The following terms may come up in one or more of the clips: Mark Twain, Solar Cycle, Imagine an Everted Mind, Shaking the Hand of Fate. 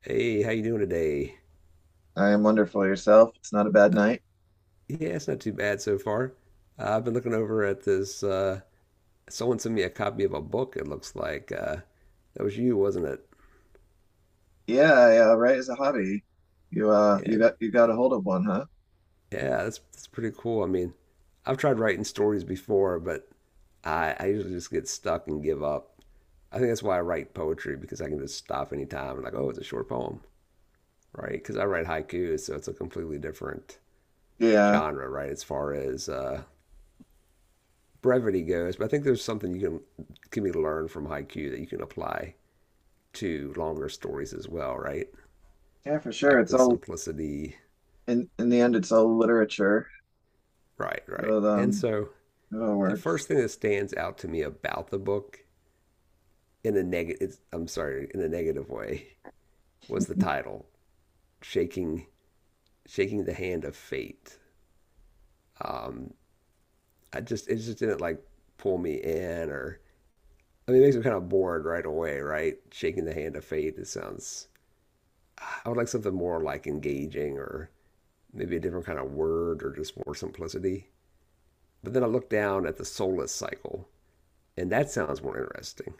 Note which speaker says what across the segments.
Speaker 1: Hey, how you doing today?
Speaker 2: I am wonderful yourself. It's not a bad night.
Speaker 1: Yeah, it's not too bad so far. I've been looking over at this. Someone sent me a copy of a book. It looks like that was you, wasn't it?
Speaker 2: Yeah, I, right as a hobby. You uh
Speaker 1: Yeah,
Speaker 2: you got you got a hold of one, huh?
Speaker 1: yeah, that's pretty cool. I mean, I've tried writing stories before, but I usually just get stuck and give up. I think that's why I write poetry because I can just stop anytime and like, oh, it's a short poem, right? Because I write haikus, so it's a completely different
Speaker 2: Yeah.
Speaker 1: genre, right? As far as brevity goes, but I think there's something you can be learned from haiku that you can apply to longer stories as well, right?
Speaker 2: Yeah, for sure.
Speaker 1: Like
Speaker 2: It's
Speaker 1: the
Speaker 2: all
Speaker 1: simplicity,
Speaker 2: in the end it's all literature.
Speaker 1: right, right.
Speaker 2: So
Speaker 1: And so
Speaker 2: it all
Speaker 1: the first
Speaker 2: works.
Speaker 1: thing that stands out to me about the book in a negative, I'm sorry, in a negative way, was the title, shaking shaking the hand of fate. I just it just didn't like pull me in, or I mean, it makes me kind of bored right away, right? Shaking the hand of fate. It sounds I would like something more like engaging or maybe a different kind of word or just more simplicity. But then I look down at the soulless cycle, and that sounds more interesting.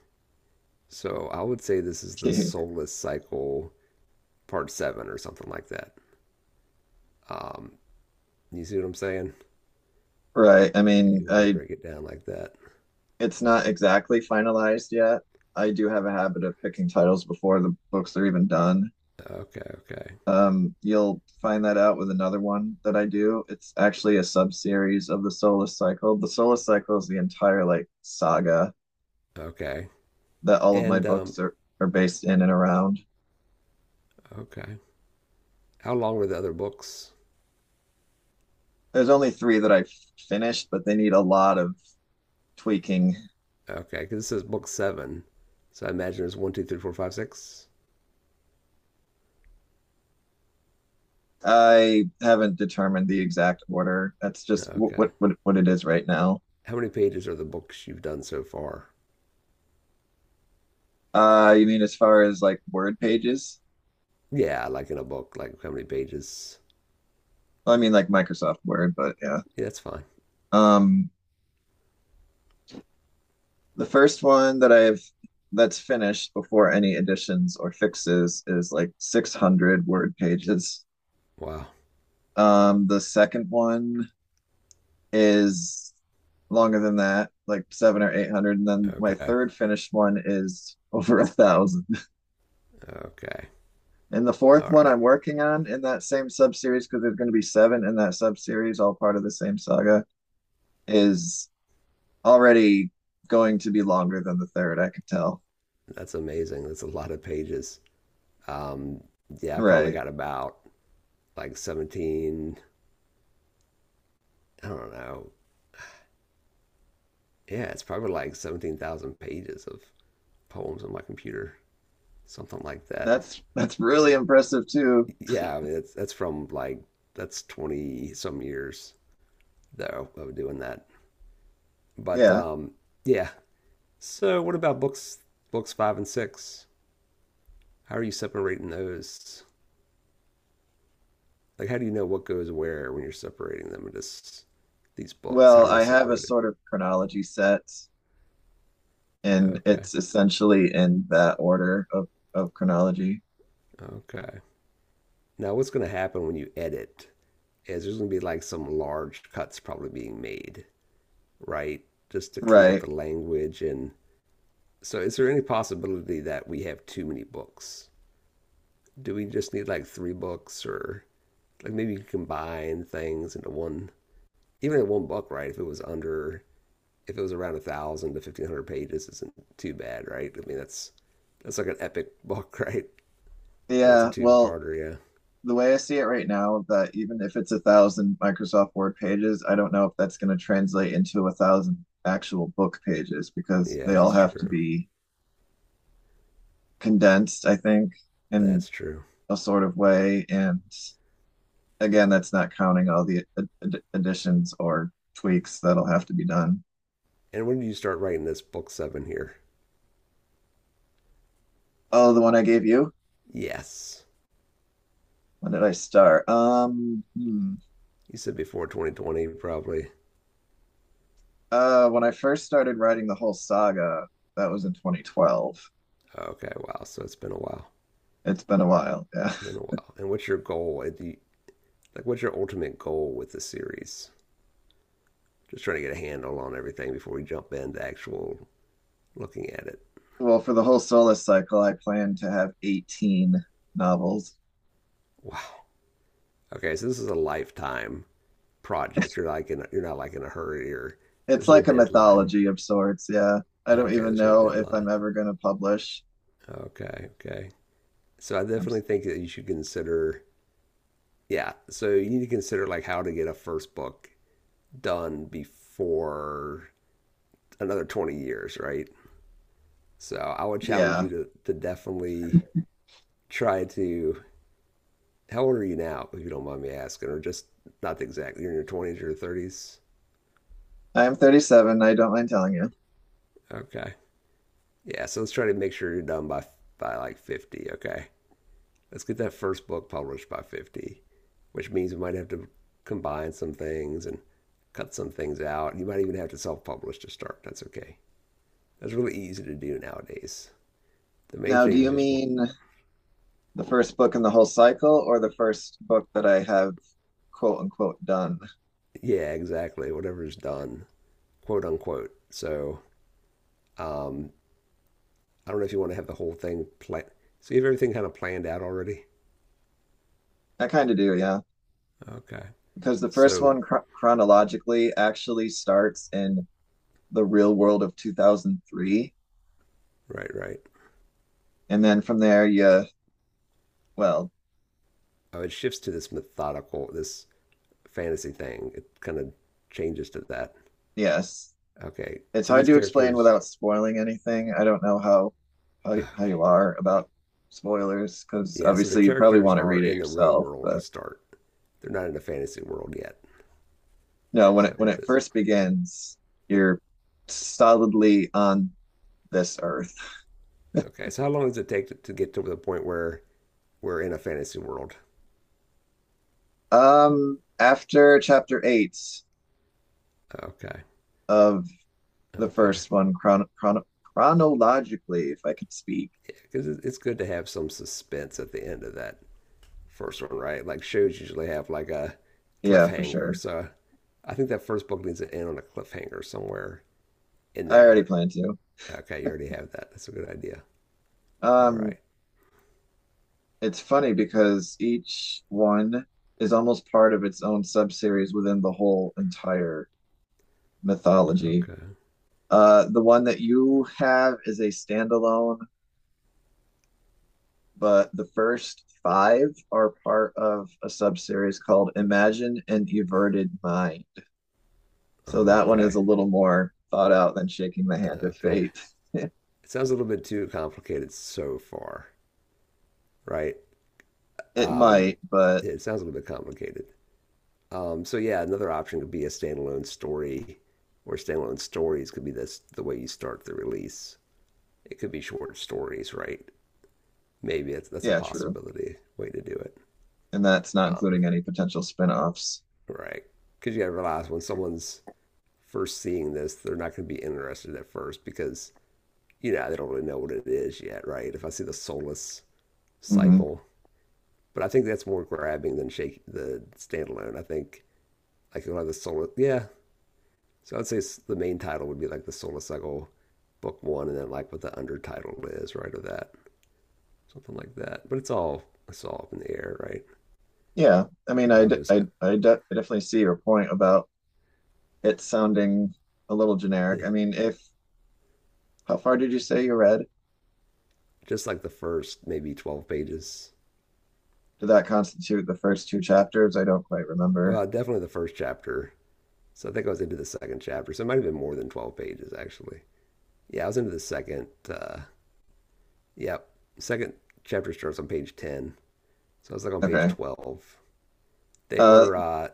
Speaker 1: So I would say this is the soulless cycle part seven or something like that. Um, you see what I'm saying?
Speaker 2: Right. I
Speaker 1: If
Speaker 2: mean,
Speaker 1: you want to
Speaker 2: I
Speaker 1: break it down like that.
Speaker 2: it's not exactly finalized yet. I do have a habit of picking titles before the books are even done.
Speaker 1: Okay, okay,
Speaker 2: You'll find that out with another one that I do. It's actually a sub-series of the Solar Cycle. The Solar Cycle is the entire like saga
Speaker 1: okay.
Speaker 2: that all of my
Speaker 1: And,
Speaker 2: books are based in and around.
Speaker 1: okay. How long were the other books?
Speaker 2: There's only three that I finished, but they need a lot of tweaking.
Speaker 1: Okay, because this is book seven. So I imagine there's one, two, three, four, five, six.
Speaker 2: I haven't determined the exact order. That's just
Speaker 1: Okay.
Speaker 2: what it is right now.
Speaker 1: How many pages are the books you've done so far?
Speaker 2: You mean as far as like Word pages?
Speaker 1: Yeah, like in a book, like how many pages?
Speaker 2: Well, I mean like Microsoft Word, but yeah.
Speaker 1: Yeah, that's fine.
Speaker 2: Um, the first one that I've that's finished before any additions or fixes is like 600 word pages.
Speaker 1: Wow.
Speaker 2: The second one is longer than that, like seven or eight hundred. And then my
Speaker 1: Okay.
Speaker 2: third finished one is over a thousand.
Speaker 1: Okay.
Speaker 2: And the fourth
Speaker 1: All
Speaker 2: one
Speaker 1: right.
Speaker 2: I'm working on in that same sub series, because there's going to be seven in that sub series, all part of the same saga, is already going to be longer than the third. I can tell.
Speaker 1: That's amazing. That's a lot of pages. Um, yeah, I probably
Speaker 2: Right.
Speaker 1: got about like 17, I don't know. Yeah, it's probably like 17,000 pages of poems on my computer, something like that.
Speaker 2: That's really impressive too.
Speaker 1: Yeah, I mean, that's from like, that's 20 some years though of doing that. But
Speaker 2: Yeah.
Speaker 1: yeah. So what about books five and six? How are you separating those? Like, how do you know what goes where when you're separating them into these books? How
Speaker 2: Well,
Speaker 1: are they
Speaker 2: I have a
Speaker 1: separated?
Speaker 2: sort of chronology set, and
Speaker 1: Okay,
Speaker 2: it's essentially in that order of chronology.
Speaker 1: okay. Now, what's going to happen when you edit is there's going to be like some large cuts probably being made, right? Just to clean up
Speaker 2: Right.
Speaker 1: the language. And so, is there any possibility that we have too many books? Do we just need like three books or like maybe you combine things into one, even in one book, right? If it was under if it was around 1,000 to 1,500 pages, isn't too bad, right? I mean, that's like an epic book, right? Or that's a
Speaker 2: Yeah, well,
Speaker 1: two-parter,
Speaker 2: the way I see it right now, that even if it's a thousand Microsoft Word pages, I don't know if that's going to translate into a thousand actual book pages
Speaker 1: yeah.
Speaker 2: because
Speaker 1: Yeah,
Speaker 2: they all
Speaker 1: that's
Speaker 2: have to
Speaker 1: true.
Speaker 2: be condensed, I think, in
Speaker 1: That's true.
Speaker 2: a sort of way. And again, that's not counting all the additions or tweaks that'll have to be done.
Speaker 1: And when did you start writing this book seven here?
Speaker 2: Oh, the one I gave you?
Speaker 1: Yes,
Speaker 2: When did I start? Hmm.
Speaker 1: you said before 2020, probably.
Speaker 2: When I first started writing the whole saga, that was in 2012.
Speaker 1: Okay, wow. So it's been a while.
Speaker 2: It's been a while. Yeah.
Speaker 1: Been a while. And what's your goal? Like, what's your ultimate goal with the series? Just trying to get a handle on everything before we jump into actual looking at it.
Speaker 2: Well, for the whole Solus cycle, I plan to have 18 novels.
Speaker 1: Wow. Okay, so this is a lifetime project. You're like in, a, you're not like in a hurry or
Speaker 2: It's
Speaker 1: there's no
Speaker 2: like a
Speaker 1: deadline.
Speaker 2: mythology of sorts. Yeah. I don't
Speaker 1: Okay,
Speaker 2: even
Speaker 1: there's no
Speaker 2: know if I'm
Speaker 1: deadline.
Speaker 2: ever going to publish.
Speaker 1: Okay, okay. So I
Speaker 2: I'm,
Speaker 1: definitely
Speaker 2: s-
Speaker 1: think that you should consider yeah, so you need to consider like how to get a first book done before another 20 years, right? So I would challenge
Speaker 2: yeah.
Speaker 1: you to definitely try to how old are you now, if you don't mind me asking, or just not exactly you're in your twenties or your thirties?
Speaker 2: I'm 37. I don't mind telling you.
Speaker 1: Okay. Yeah, so let's try to make sure you're done by like 50, okay? Let's get that first book published by 50, which means we might have to combine some things and cut some things out. You might even have to self publish to start. That's okay. That's really easy to do nowadays. The main
Speaker 2: Now, do
Speaker 1: thing is
Speaker 2: you
Speaker 1: just,
Speaker 2: mean the first book in the whole cycle or the first book that I have quote unquote done?
Speaker 1: yeah, exactly. Whatever is done, quote unquote. So um, I don't know if you want to have the whole thing planned. So you have everything kind of planned out already?
Speaker 2: I kind of do. Yeah.
Speaker 1: Okay.
Speaker 2: Because the first
Speaker 1: So,
Speaker 2: one chronologically actually starts in the real world of 2003.
Speaker 1: right, right.
Speaker 2: And then from there, well,
Speaker 1: Oh, it shifts to this methodical, this fantasy thing. It kind of changes to that.
Speaker 2: yes,
Speaker 1: Okay,
Speaker 2: it's
Speaker 1: so
Speaker 2: hard
Speaker 1: these
Speaker 2: to explain
Speaker 1: characters.
Speaker 2: without spoiling anything. I don't know how
Speaker 1: Okay.
Speaker 2: you are about spoilers because
Speaker 1: Yeah, so the
Speaker 2: obviously you probably
Speaker 1: characters
Speaker 2: want to
Speaker 1: are
Speaker 2: read it
Speaker 1: in the real
Speaker 2: yourself.
Speaker 1: world to
Speaker 2: But
Speaker 1: start. They're not in the fantasy world yet.
Speaker 2: no,
Speaker 1: Is that
Speaker 2: when
Speaker 1: what it
Speaker 2: it
Speaker 1: is?
Speaker 2: first begins, you're solidly on this earth.
Speaker 1: Okay, so how long does it take to get to the point where we're in a fantasy world?
Speaker 2: After chapter eight
Speaker 1: Okay,
Speaker 2: of the
Speaker 1: okay.
Speaker 2: first one, chronologically, if I could speak,
Speaker 1: Yeah, because it's good to have some suspense at the end of that first one, right? Like shows usually have like a
Speaker 2: yeah, for
Speaker 1: cliffhanger.
Speaker 2: sure.
Speaker 1: So I think that first book needs to end on a cliffhanger somewhere in
Speaker 2: I already
Speaker 1: there.
Speaker 2: planned to.
Speaker 1: Okay, you already have that. That's a good idea. All
Speaker 2: Um,
Speaker 1: right.
Speaker 2: It's funny because each one is almost part of its own subseries within the whole entire mythology.
Speaker 1: Okay.
Speaker 2: The one that you have is a standalone, but the first five are part of a subseries called Imagine an Everted Mind. So that one is
Speaker 1: Okay.
Speaker 2: a little more thought out than Shaking the Hand of
Speaker 1: Okay.
Speaker 2: Fate.
Speaker 1: It sounds a little bit too complicated so far, right?
Speaker 2: It
Speaker 1: Um,
Speaker 2: might, but
Speaker 1: yeah, it sounds a little bit complicated. So yeah, another option could be a standalone story, or standalone stories could be this the way you start the release. It could be short stories, right? Maybe that's a
Speaker 2: yeah, true.
Speaker 1: possibility way to do it.
Speaker 2: And that's not
Speaker 1: Um,
Speaker 2: including any potential spin-offs.
Speaker 1: right? Because you gotta realize when someone's first seeing this, they're not gonna be interested at first because you know they don't really know what it is yet, right? If I see the soulless
Speaker 2: Mhm.
Speaker 1: cycle But I think that's more grabbing than shake the standalone. I think like you'll have the solar. Yeah, so I'd say the main title would be like the Solar Cycle Book One, and then like what the undertitle is, right, or that something like that. But it's all up in the air, right?
Speaker 2: Yeah, I mean, I,
Speaker 1: I was
Speaker 2: d-
Speaker 1: just got
Speaker 2: I de- I definitely see your point about it sounding a little generic.
Speaker 1: yeah,
Speaker 2: I mean, if how far did you say you read?
Speaker 1: just like the first maybe 12 pages.
Speaker 2: Did that constitute the first two chapters? I don't quite remember.
Speaker 1: Well, definitely the first chapter. So I think I was into the second chapter. So it might have been more than 12 pages actually. Yeah, I was into the second. Yep, yeah, second chapter starts on page 10. So I was like on page
Speaker 2: Okay.
Speaker 1: 12 they
Speaker 2: Uh,
Speaker 1: were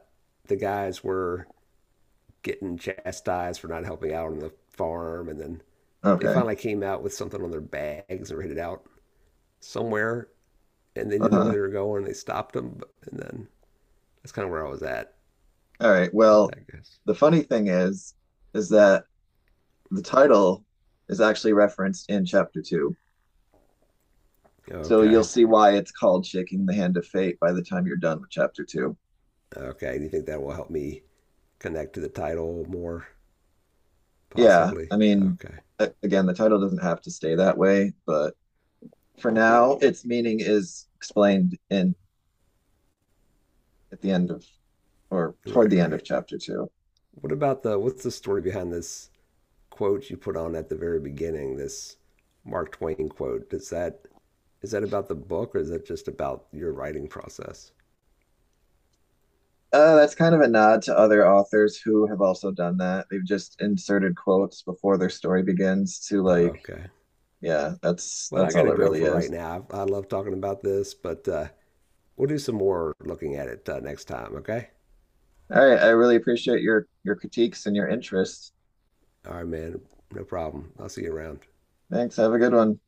Speaker 1: the guys were getting chastised for not helping out on the farm, and then they
Speaker 2: okay.
Speaker 1: finally came out with something on their bags and were headed out somewhere, and they didn't know where
Speaker 2: Uh-huh.
Speaker 1: they were going. They stopped them, and then that's kind of where I was at.
Speaker 2: All right.
Speaker 1: With
Speaker 2: Well,
Speaker 1: that guess.
Speaker 2: the funny thing is that the title is actually referenced in chapter two. So you'll
Speaker 1: Okay,
Speaker 2: see why it's called Shaking the Hand of Fate by the time you're done with chapter two.
Speaker 1: okay. Do you think that will help me connect to the title more,
Speaker 2: Yeah,
Speaker 1: possibly?
Speaker 2: I mean,
Speaker 1: Okay,
Speaker 2: again, the title doesn't have to stay that way, but for now, its meaning is explained in at the end of or toward
Speaker 1: right,
Speaker 2: the end of
Speaker 1: right.
Speaker 2: chapter two.
Speaker 1: What about the what's the story behind this quote you put on at the very beginning? This Mark Twain quote. Does that Is that about the book or is that just about your writing process?
Speaker 2: That's kind of a nod to other authors who have also done that. They've just inserted quotes before their story begins to
Speaker 1: Oh,
Speaker 2: like,
Speaker 1: okay.
Speaker 2: yeah, that's
Speaker 1: Well, I
Speaker 2: that's
Speaker 1: got
Speaker 2: all
Speaker 1: to
Speaker 2: it
Speaker 1: go
Speaker 2: really
Speaker 1: for right
Speaker 2: is.
Speaker 1: now. I love talking about this, but we'll do some more looking at it next time, okay?
Speaker 2: All right, I really appreciate your critiques and your interest.
Speaker 1: All right, man. No problem. I'll see you around.
Speaker 2: Thanks. Have a good one.